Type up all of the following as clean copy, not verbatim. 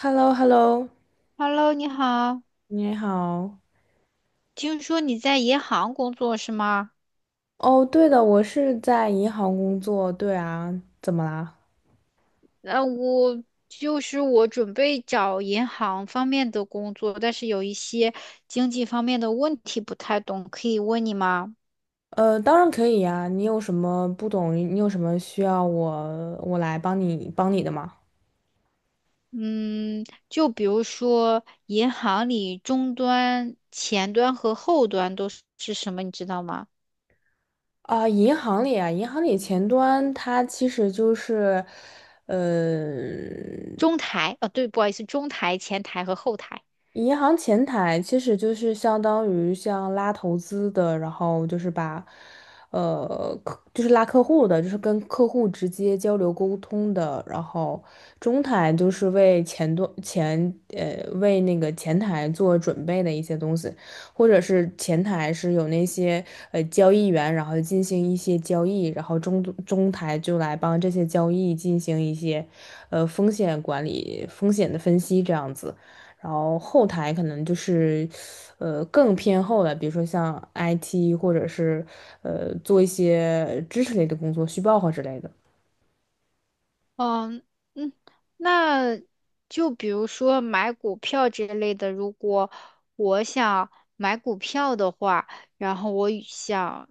h e l l o h e l l o Hello，你好，你好。听说你在银行工作是吗？哦，对的，我是在银行工作。对啊，怎么啦？那我就是我准备找银行方面的工作，但是有一些经济方面的问题不太懂，可以问你吗？当然可以呀。你有什么不懂？你有什么需要我来帮你的吗？嗯，就比如说银行里终端、前端和后端都是什么，你知道吗？啊，银行里啊，呃，中台，哦，对，不好意思，中台、前台和后台。银行前台其实就是相当于像拉投资的，然后就是就是拉客户的，就是跟客户直接交流沟通的。然后中台就是为前端前呃为那个前台做准备的一些东西，或者是前台是有那些交易员，然后进行一些交易，然后中台就来帮这些交易进行一些风险管理、风险的分析这样子。然后后台可能就是，更偏后的，比如说像 IT 或者是做一些知识类的工作，虚报和之类的。嗯嗯，那就比如说买股票这类的，如果我想买股票的话，然后我想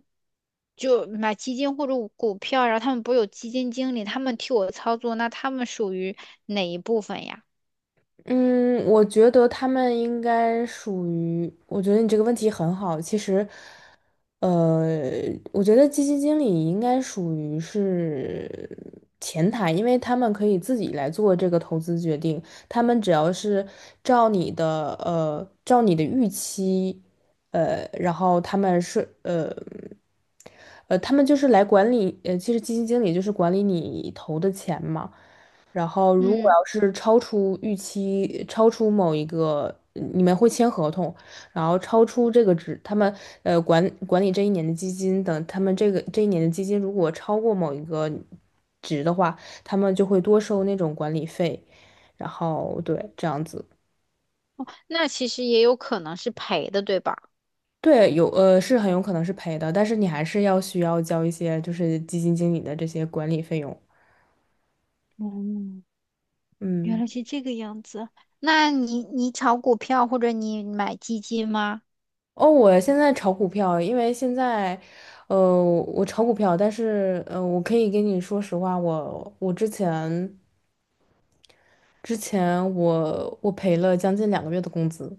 就买基金或者股票，然后他们不是有基金经理，他们替我操作，那他们属于哪一部分呀？嗯，我觉得他们应该属于，我觉得你这个问题很好。其实，呃，我觉得基金经理应该属于是前台，因为他们可以自己来做这个投资决定，他们只要是照照你的预期，呃，然后他们是呃。他们就是来管理,其实基金经理就是管理你投的钱嘛。然后如果嗯，要是超出预期，超出某一个，嗯你们会签合同，然后超出这个值，他们管理这一年的基金等，他们这个这一年的基金如果超过某一个值的话，他们就会多收那种管理费，然后对这样子。那其实也有可能是赔的，对吧？对，是很有可能是赔的，但是你还是要需要交一些就是基金经理的这些管理费用。嗯，原嗯。来是这个样子。那你炒股票或者你买基金吗？哦，我现在炒股票，因为现在，呃，我炒股票，但是，呃，我可以跟你说实话，我之前赔了将近2个月的工资。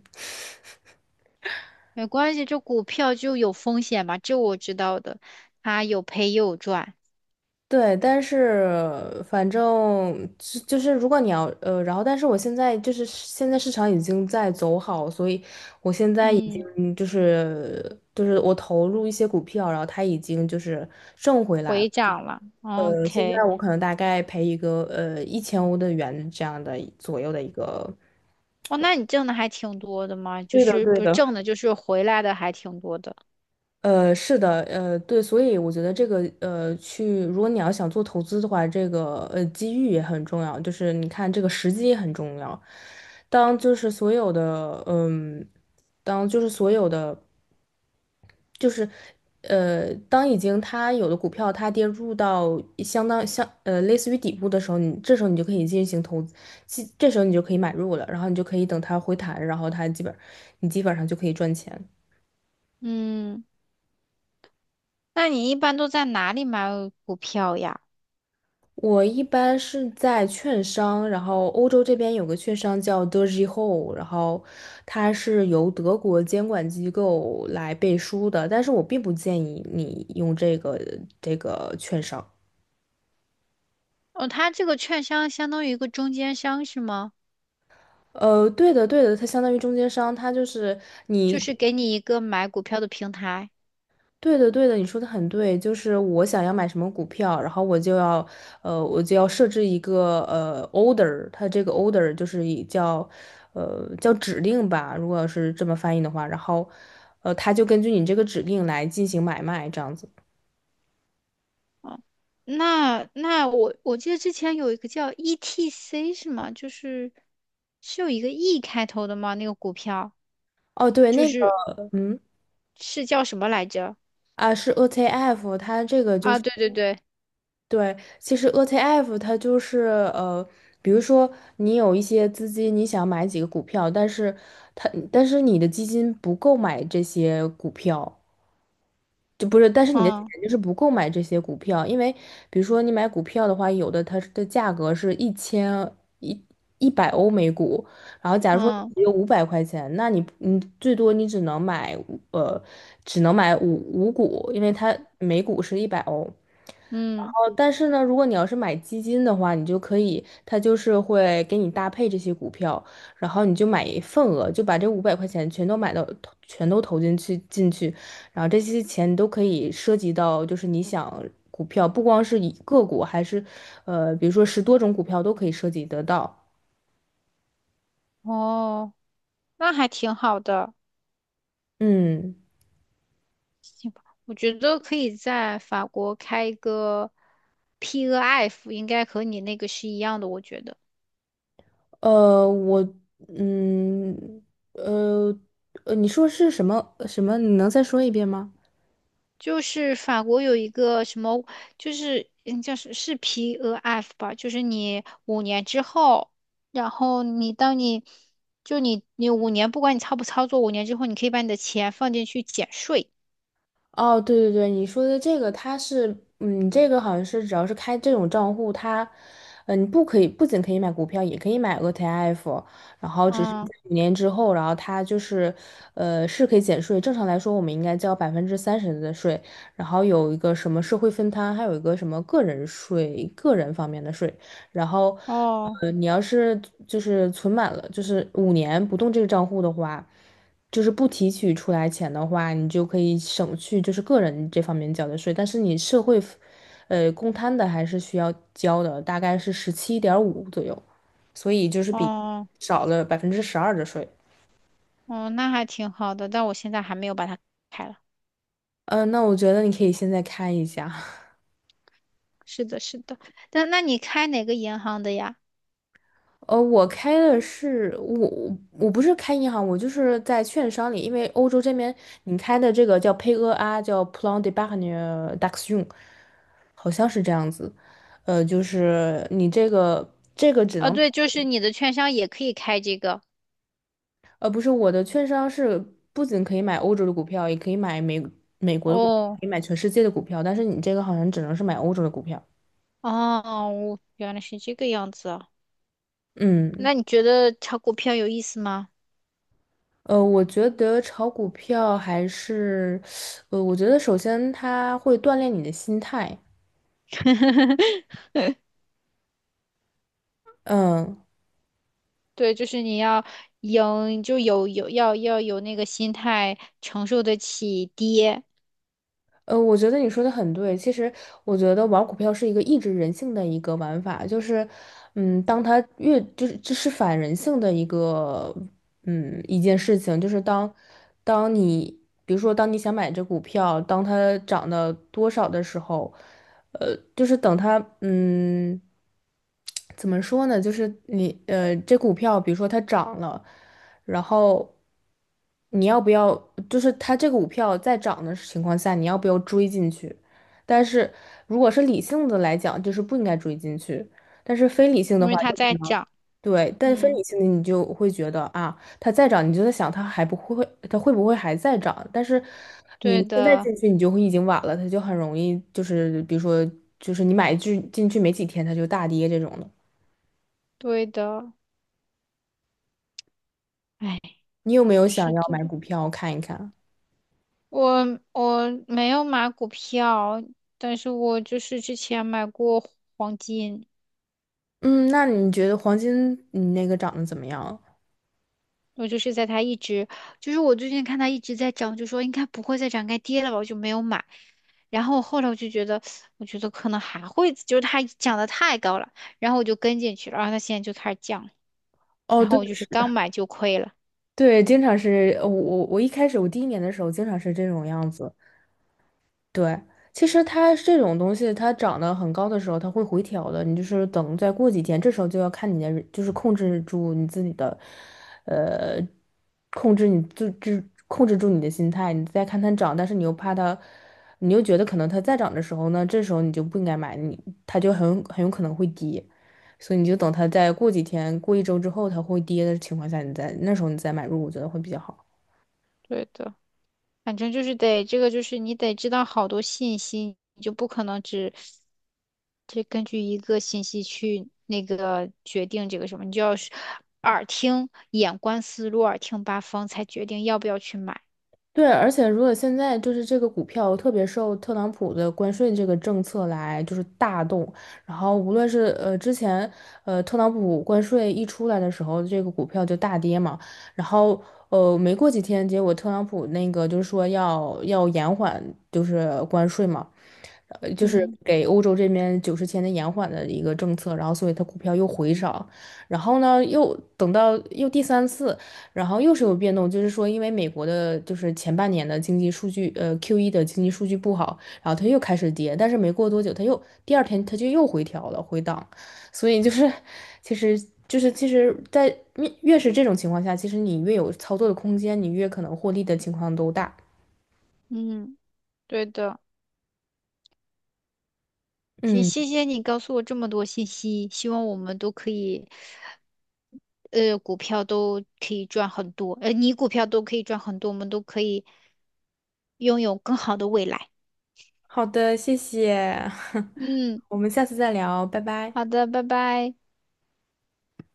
没关系，这股票就有风险嘛，这我知道的，它有赔也有赚。对，但是反正就是如果你要呃，然后但是我现在就是现在市场已经在走好，所以我现在已嗯，经就是就是我投入一些股票，然后它已经就是挣回来了。回涨了哦呃，现，OK。在我可能大概赔1000欧的元这样的左右的一个。哦，那你挣的还挺多的嘛，就对的，是对不是的。挣的，就是回来的还挺多的。所以我觉得如果你要想做投资的话，机遇也很重要，就是你看这个时机也很重要。当就是所有的嗯，当就是所有的。就是，呃，当已经它有的股票它跌入到相当相呃类似于底部的时候，你这时候你就可以进行投资，这时候你就可以买入了，然后你就可以等它回弹，然后它基本你基本上就可以赚钱。嗯，那你一般都在哪里买股票呀？我一般是在券商，然后欧洲这边有个券商叫 Deutsche Hohe,然后它是由德国监管机构来背书的，但是我并不建议你用这个券商。哦，它这个券商相当于一个中间商是吗？呃，对的，对的，它相当于中间商，它就是就你，是给你一个买股票的平台。对的，对的，你说的很对，就是我想要买什么股票，然后我就要设置一个 order,它这个 order 就是叫指令吧，如果是这么翻译的话，它就根据你这个指令来进行买卖，这样子。哦，那那我记得之前有一个叫 ETC 是吗？就是是有一个 E 开头的吗？那个股票哦，对，就那个，是嗯，是叫什么来着？啊，是 ETF,它这个就啊，是。对对对，对，其实 ETF 它就是呃，比如说你有一些资金，你想买几个股票，但是你的基金不够买这些股票，就不是，但是你的钱嗯就是不够买这些股票，因为比如说你买股票的话，有的它的价格是一千一一百欧每股，然后假如说嗯你只有五百块钱，那你最多只能买呃5股，因为它每股是一百欧。嗯，哦，但是呢，如果你要是买基金的话，你就可以，它就是会给你搭配这些股票，然后你就买一份额，就把这五百块钱全都买到，全都投进去，然后这些钱都可以涉及到，就是你想股票，不光是以个股，还是呃，比如说10多种股票都可以涉及得到。哦，那还挺好的，嗯，行吧？我觉得可以在法国开一个 p o f 应该和你那个是一样的，我觉得。呃，我，嗯，呃，你说是什么？你能再说一遍吗？就是法国有一个什么，就是嗯叫是 p 额 f 吧，就是你五年之后，然后你当你就你你五年，不管你操不操作，五年之后你可以把你的钱放进去减税。哦，对对对，你说的这个，它是，嗯，这个好像是只要是开这种账户，它，嗯，你不可以，不仅可以买股票，也可以买 ETF,然后只是在嗯，五年之后，然后它就是，是可以减税。正常来说，我们应该交30%的税，然后有一个什么社会分摊，还有一个什么个人税，个人方面的税。然后，哦你要是就是存满了，就是五年不动这个账户的话。就是不提取出来钱的话，你就可以省去就是个人这方面交的税，但是你社会福呃，公摊的还是需要交的，大概是17.5左右，所以就是比哦少了12%的税。哦，那还挺好的，但我现在还没有把它开了。嗯，那我觉得你可以现在看一下。是的，是的，但那你开哪个银行的呀？呃，我开的是我我不是开银行，我就是在券商里，因为欧洲这边你开的这个叫 PayEA,叫 Plan d'Épargne d'Action,好像是这样子。呃，就是你这个只啊，能，对，就是你的券商也可以开这个。呃，不是我的券商是不仅可以买欧洲的股票，也可以买美国的股票可哦以买全世界的股票，但是你这个好像只能是买欧洲的股票。哦，我原来是这个样子啊。嗯。那你觉得炒股票有意思吗？呃，我觉得炒股票还是，我觉得首先它会锻炼你的心态，嗯，对，就是你要赢，就有有要要有那个心态，承受得起跌，我觉得你说的很对。其实，我觉得玩股票是一个抑制人性的一个玩法，就是，嗯，当它越就是这是反人性的一个，嗯，一件事情，就是当你比如说当你想买这股票，当它涨到多少的时候，呃，就是等它，嗯，怎么说呢？就是这股票比如说它涨了。然后你要不要，就是它这个股票在涨的情况下，你要不要追进去？但是如果是理性的来讲，就是不应该追进去；但是非理性因的话，为它就可在能涨。对，但非理嗯，性的你就会觉得啊，它再涨，你就在想它还不会，它会不会还在涨？但是你对现在的，进去，你就会已经晚了，它就很容易就是比如说就是你买进去没几天，它就大跌这种的。对的。哎，你有没有想是要的，买股票看一看？我我没有买股票，但是我就是之前买过黄金。嗯，那你觉得黄金你那个长得怎么样？我就是在它一直，就是我最近看它一直在涨，就说应该不会再涨，该跌了吧，我就没有买。然后我后来我就觉得，我觉得可能还会，就是它涨得太高了，然后我就跟进去了，然后它现在就开始降，哦，然对，后我就是是刚的，买就亏了。对，经常是呃我我我一开始我第一年的时候经常是这种样子，对，其实它这种东西，它涨得很高的时候，它会回调的。你就是等再过几天，这时候就要看你的，就是控制住你自己的，呃，控制你就就控制住你的心态。你再看它涨，但是你又怕它，你又觉得可能它再涨的时候呢，这时候你就不应该买，它就很有可能会跌，所以你就等它再过几天，过一周之后它会跌的情况下，那时候你再买入，我觉得会比较好。对的，反正就是得这个，就是你得知道好多信息，你就不可能只根据一个信息去那个决定这个什么，你就要是耳听眼观四路，耳听八方，才决定要不要去买。对，而且如果现在就是这个股票特别受特朗普的关税这个政策来就是大动，然后无论是呃之前呃特朗普关税一出来的时候，这个股票就大跌嘛，然后没过几天，结果特朗普那个就是说要延缓就是关税嘛，呃就是嗯。给欧洲这边90天的延缓的一个政策，然后所以它股票又回涨，然后呢又等到又第三次。然后又是有变动，就是说，因为美国的就是前半年的经济数据，呃 Q1的经济数据不好，然后它又开始跌，但是没过多久，它又第2天它就又回调了，回档，所以就是，其实就是其实在，越是这种情况下，其实你越有操作的空间，你越可能获利的情况都大。嗯，对的。行，嗯，谢谢你告诉我这么多信息，希望我们都可以，股票都可以赚很多，你股票都可以赚很多，我们都可以拥有更好的未来。好的，谢谢，嗯，我们下次再聊，拜拜。好的，拜拜。